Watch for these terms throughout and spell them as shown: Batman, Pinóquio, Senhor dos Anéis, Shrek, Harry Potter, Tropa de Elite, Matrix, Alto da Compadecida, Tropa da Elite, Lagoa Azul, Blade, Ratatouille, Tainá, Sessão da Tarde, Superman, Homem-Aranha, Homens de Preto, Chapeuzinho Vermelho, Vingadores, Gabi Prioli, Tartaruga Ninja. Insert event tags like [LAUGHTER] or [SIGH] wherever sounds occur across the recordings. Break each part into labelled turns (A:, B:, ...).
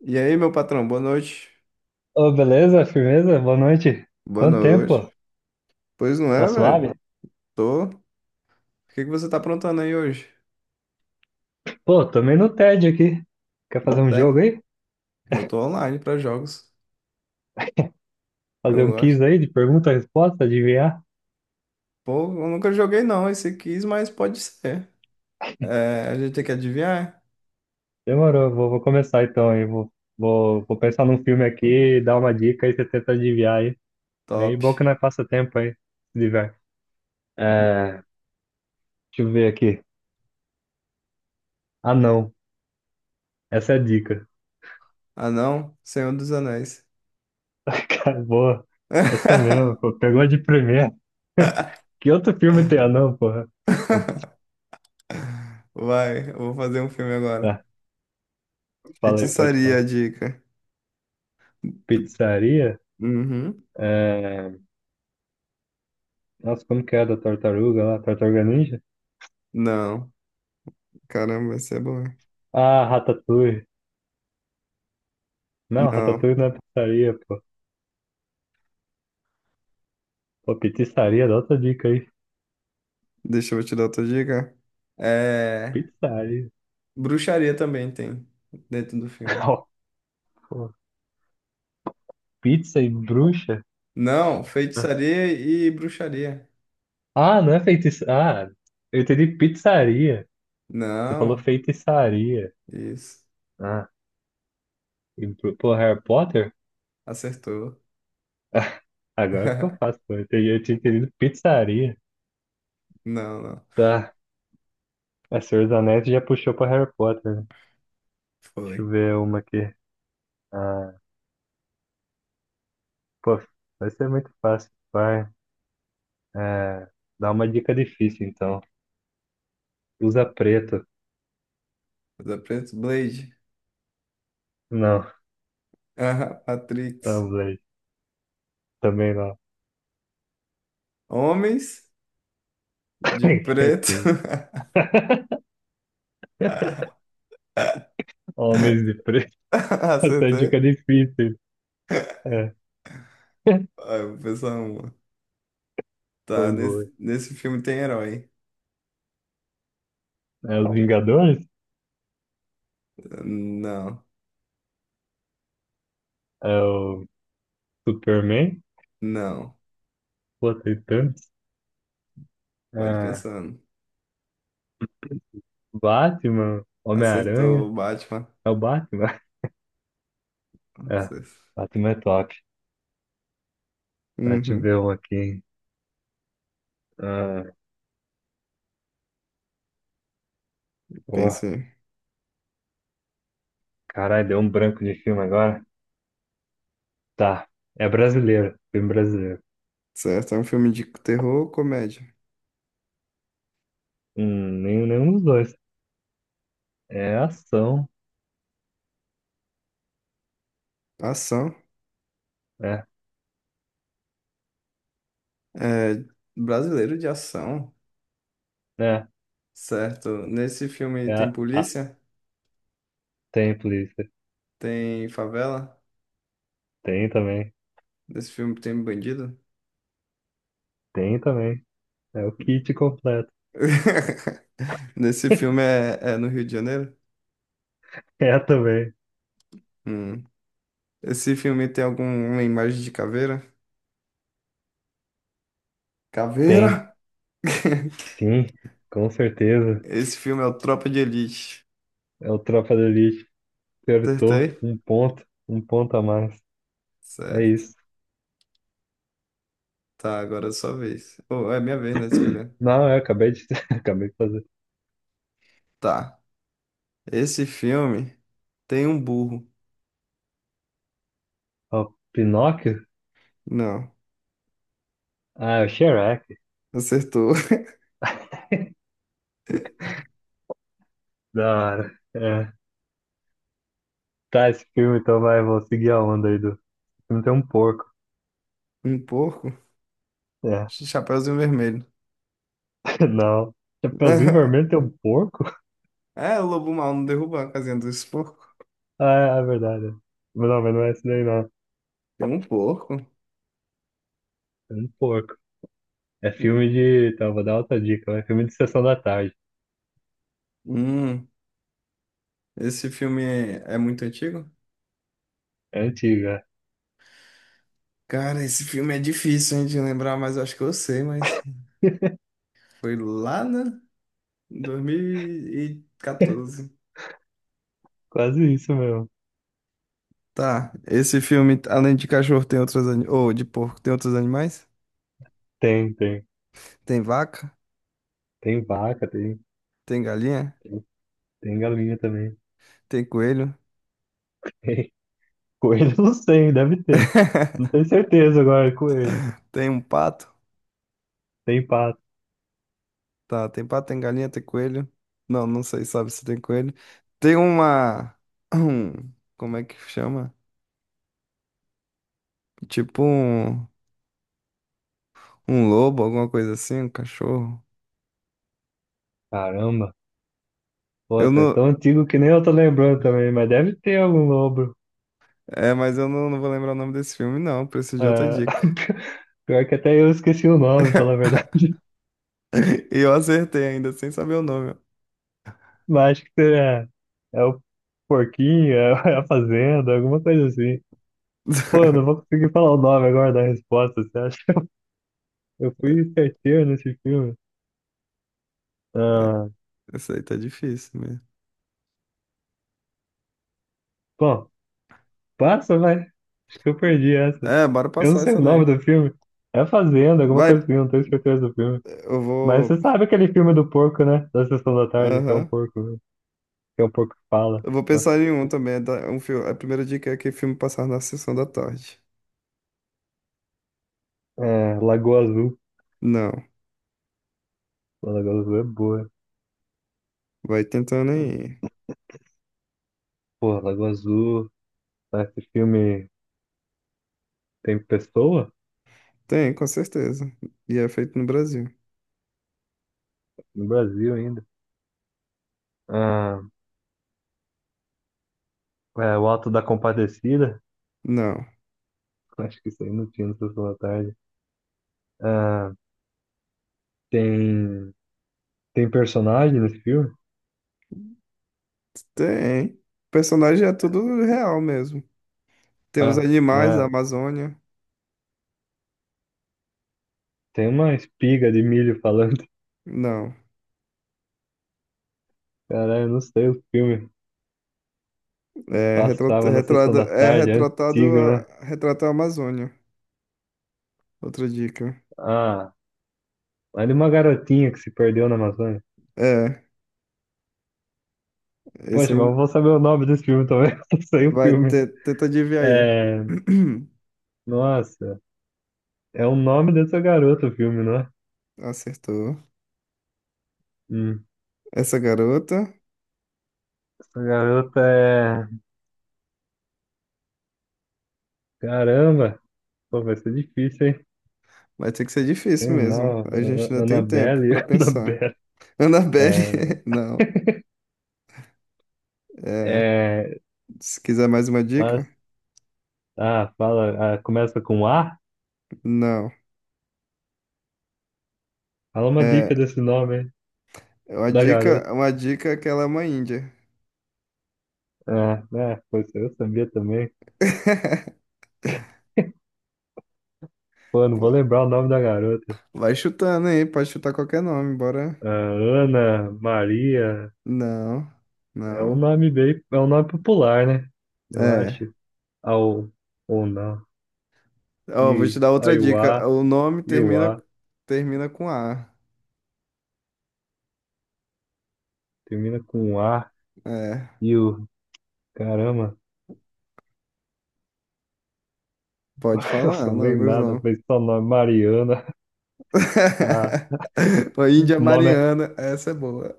A: E aí, meu patrão, boa noite.
B: Ô, beleza? Firmeza? Boa noite.
A: Boa
B: Quanto
A: noite.
B: tempo?
A: Pois não
B: Tá
A: é, velho?
B: suave?
A: Tô. O que que você tá aprontando aí hoje?
B: Pô, também no TED aqui. Quer fazer
A: Não
B: um
A: tem?
B: jogo aí?
A: Eu tô online pra jogos.
B: Fazer
A: Eu
B: um quiz
A: gosto.
B: aí de pergunta-resposta, adivinhar?
A: Pô, eu nunca joguei não esse quis, mas pode ser. É, a gente tem que adivinhar?
B: Demorou, vou começar então aí. Vou pensar num filme aqui, dar uma dica e você tenta adivinhar aí. Aí,
A: Top.
B: bom que nós passa tempo aí, se diverte. É, deixa eu ver aqui. Ah, não. Essa é a dica.
A: Ah, não? Senhor dos Anéis.
B: [LAUGHS] Acabou. Essa mesmo,
A: [LAUGHS]
B: pô. Pegou de primeira. [LAUGHS] Que outro filme tem anão, porra?
A: Vai, eu vou fazer um filme agora.
B: Tá, fala aí, pode
A: Feitiçaria,
B: falar.
A: a dica.
B: Pizzaria?
A: Uhum.
B: É... Nossa, como que é da tartaruga lá? Tartaruga Ninja?
A: Não, caramba, essa é bom.
B: Ah, Ratatouille. Não,
A: Não.
B: Ratatouille não é pizzaria, pô. Pô, pizzaria, dá outra dica aí.
A: Deixa eu te dar outra dica. É,
B: Pizzaria.
A: bruxaria também tem dentro do filme.
B: [LAUGHS] Ó, pô, Pizza e bruxa?
A: Não, feitiçaria e bruxaria.
B: Ah, não é feitiçaria. Ah, eu entendi pizzaria. Você falou
A: Não,
B: feitiçaria.
A: isso.
B: Ah, e, pô, Harry Potter?
A: Acertou.
B: [LAUGHS] Agora ficou fácil,
A: [LAUGHS]
B: pô. Eu entendi- eu tinha entendido pizzaria.
A: Não, não.
B: Tá. A Senhor dos Anéis já puxou pra Harry Potter, né? Deixa eu
A: Foi.
B: ver uma aqui. Ah, pô, vai ser muito fácil. Vai. É, dá uma dica difícil, então. Usa preto.
A: Mas é preto, Blade.
B: Não,
A: Ah, Matrix.
B: Tumblr. Também não.
A: Homens de
B: [LAUGHS]
A: preto.
B: Sim.
A: [LAUGHS]
B: Homens de preto. [LAUGHS] Essa é a dica
A: Acertei.
B: difícil. É, [LAUGHS]
A: Ah, eu vou pensar uma.
B: foi
A: Tá,
B: boa.
A: nesse filme tem herói.
B: É os Vingadores?
A: Não,
B: É o Superman?
A: não.
B: Pô, tem tantos.
A: Pode
B: É,
A: pensar.
B: Batman?
A: Acertou o
B: Homem-Aranha?
A: Batman.
B: É o Batman? [LAUGHS] É,
A: Acertou.
B: Batman é top. Deixa eu
A: Uhum,
B: ver um aqui. Ah, pô,
A: pensei.
B: caralho, deu um branco de filme agora. Tá. É brasileiro. Filme brasileiro.
A: Certo, é um filme de terror ou comédia?
B: Nenhum dos dois. É ação.
A: Ação.
B: É,
A: É brasileiro de ação.
B: é,
A: Certo. Nesse filme
B: é
A: tem
B: a,
A: polícia?
B: tem polícia.
A: Tem favela?
B: Tem também.
A: Nesse filme tem bandido?
B: Tem também. É o kit completo.
A: [LAUGHS] Nesse filme
B: [LAUGHS]
A: é no Rio de Janeiro?
B: É também.
A: Hum. Esse filme tem alguma imagem de caveira?
B: Tem.
A: Caveira! [LAUGHS]
B: Sim, com certeza.
A: Esse filme é o Tropa de Elite.
B: É o Tropa da Elite. Acertou.
A: Acertei?
B: Um ponto. Um ponto a mais. É
A: Certo.
B: isso.
A: Tá, agora é sua vez. Ou é minha vez, né, de escolher.
B: Não, eu acabei de, [LAUGHS] acabei de fazer.
A: Tá. Esse filme tem um burro.
B: Ó, Pinóquio?
A: Não,
B: Ah, é o Shrek.
A: acertou.
B: [LAUGHS]
A: [LAUGHS]
B: Da hora. É. Tá, esse filme então vai, vou seguir a onda aí do. O filme tem um porco.
A: Um porco?
B: É,
A: Chapeuzinho vermelho.
B: [LAUGHS] não. Chapeuzinho Vermelho
A: [LAUGHS]
B: tem um porco? [LAUGHS]
A: É, o lobo mau não derruba a casinha dos porcos.
B: Ah, é é verdade. Mas não é esse daí, não.
A: Tem um porco.
B: É um porco. É filme de. Tá, vou dar outra dica. É filme de Sessão da Tarde.
A: Hum, esse filme é, é muito antigo?
B: É antiga.
A: Cara, esse filme é difícil, hein, de lembrar, mas eu acho que eu sei, mas
B: [LAUGHS]
A: foi lá, né? Em 2014.
B: Quase isso mesmo.
A: Tá, esse filme, além de cachorro, tem outros animais. Ou de porco, tem outros animais?
B: Tem.
A: Tem vaca,
B: Tem vaca,
A: tem galinha,
B: tem galinha também.
A: tem coelho,
B: Tem. Coelho, [LAUGHS] não sei, deve ter. Não
A: [LAUGHS]
B: tenho certeza agora, é coelho.
A: tem um pato.
B: Tem pato.
A: Tá, tem pato, tem galinha, tem coelho. Não, não sei, sabe se tem coelho. Tem uma. [CLEARS THROAT] um- Como é que chama? Tipo um, um lobo, alguma coisa assim, um cachorro.
B: Caramba. Pô,
A: Eu
B: tá
A: não.
B: tão antigo que nem eu tô lembrando também, mas deve ter algum lobo.
A: É, mas eu não, não vou lembrar o nome desse filme, não. Preciso de outra
B: Ah,
A: dica.
B: [LAUGHS] pior que até eu esqueci o nome, falar a verdade.
A: [LAUGHS] E eu acertei ainda, sem saber o nome. Ó.
B: Mas acho que é o porquinho, é [LAUGHS] é a fazenda, alguma coisa assim. Pô, eu não
A: [LAUGHS]
B: vou conseguir falar o nome agora da resposta, você acha? [LAUGHS] Eu fui certeiro nesse filme.
A: É,
B: Ah,
A: essa aí tá difícil mesmo.
B: bom, passa, vai. Acho que eu perdi essa.
A: É, bora
B: Eu não
A: passar
B: sei
A: essa
B: o
A: daí.
B: nome do filme. É a Fazenda, alguma
A: Vai,
B: coisa assim, não tenho certeza do filme.
A: eu
B: Mas
A: vou.
B: você sabe aquele filme do porco, né? Da Sessão da Tarde, que é um
A: Aham.
B: porco, né? Que é um porco que fala.
A: Eu vou pensar em um também. Tá? Um filme. A primeira dica é que filme passar na sessão da tarde.
B: É, Lagoa Azul.
A: Não.
B: Pô, Lagoa Azul é boa.
A: Vai tentando aí.
B: Pô, Lagoa Azul, né? Esse filme tem pessoa?
A: Tem, com certeza. E é feito no Brasil.
B: No Brasil ainda. Ah, é, o Alto da Compadecida,
A: Não.
B: [LAUGHS] acho que isso aí não tinha no Sessão da Tarde. Ah, tem, tem personagem nesse filme?
A: Tem. O personagem é tudo real mesmo. Tem os
B: Ah, não
A: animais da
B: é?
A: Amazônia.
B: Tem uma espiga de milho falando. [LAUGHS]
A: Não.
B: Caralho, eu não sei o filme.
A: É,
B: Passava na Sessão da
A: é
B: Tarde, é
A: retratado
B: antigo, né?
A: a, retrata a Amazônia. Outra dica.
B: Ah, é de uma garotinha que se perdeu na Amazônia.
A: É. Esse
B: Poxa, mas eu
A: aí
B: vou saber o nome desse filme também. [LAUGHS] Eu não sei o filme.
A: tenta adivinhar aí.
B: É.
A: [CLEARS THROAT]
B: Nossa, é o nome dessa garota o filme, não é?
A: Acertou.
B: Hum.
A: Essa garota.
B: Essa garota é. Caramba! Pô, vai ser difícil, hein?
A: Vai ter que ser difícil
B: Sei
A: mesmo.
B: não,
A: A gente ainda tem tempo
B: Annabelle,
A: pra
B: [LAUGHS]
A: pensar.
B: Annabelle.
A: Annabelle,
B: É,
A: [LAUGHS] não. É,
B: é,
A: se quiser mais uma dica,
B: as- ah, fala, ah, começa com A?
A: não.
B: Fala uma
A: É,
B: dica desse nome, hein?
A: uma
B: Da garota.
A: dica, uma dica é que ela é uma índia.
B: Ah, né? Pois eu sabia também.
A: [LAUGHS]
B: Pô, não
A: Pô,
B: vou lembrar o nome da garota.
A: vai chutando aí, pode chutar qualquer nome, bora.
B: Ah, Ana, Maria,
A: Não,
B: é um
A: não.
B: nome é um nome popular, né? Eu
A: É.
B: acho. Ao, ou não.
A: Ó, vou te
B: E,
A: dar outra dica.
B: Aiuá,
A: O nome termina,
B: Iuá,
A: termina com A.
B: termina com A,
A: É,
B: Iu, caramba.
A: pode
B: [LAUGHS] Nossa,
A: falar,
B: não
A: não,
B: vem
A: alguns
B: nada,
A: não.
B: mas só nome Mariana. [LAUGHS] Ah,
A: [LAUGHS] A
B: uns
A: Índia
B: nome,
A: Mariana, essa é boa.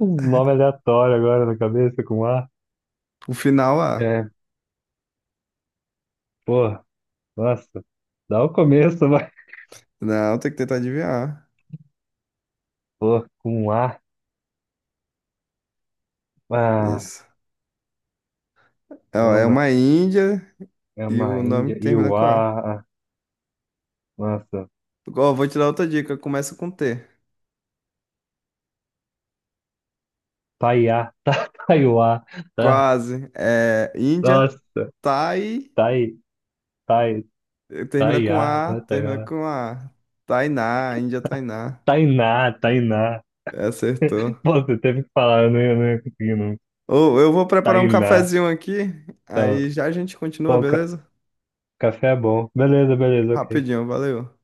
B: uns nome aleatório agora na cabeça com A.
A: O final A.
B: É, pô, nossa, dá o começo, vai.
A: Não, tem que tentar adivinhar.
B: [LAUGHS] Pô, com A. Ah,
A: Isso. É ó, é
B: caramba,
A: uma Índia
B: é
A: e
B: uma
A: o nome
B: Índia.
A: que termina com A.
B: Iuá, ah, nossa,
A: Ó, vou te dar outra dica. Começa com T.
B: Taiá, [LAUGHS] tá, Taiuá, tá,
A: Quase. É Índia,
B: nossa,
A: Thai,
B: Tai, Tai, Taiá, não é
A: Termina
B: Taiá.
A: com A. Tainá, Índia Tainá.
B: Tainá, Tainá.
A: É, acertou.
B: Pô, você teve que falar, eu não ia conseguir, não.
A: Ou eu vou preparar um
B: Tainá,
A: cafezinho aqui,
B: tá,
A: aí já a gente continua,
B: pô,
A: beleza?
B: Café é bom. Beleza, beleza, ok.
A: Rapidinho, valeu.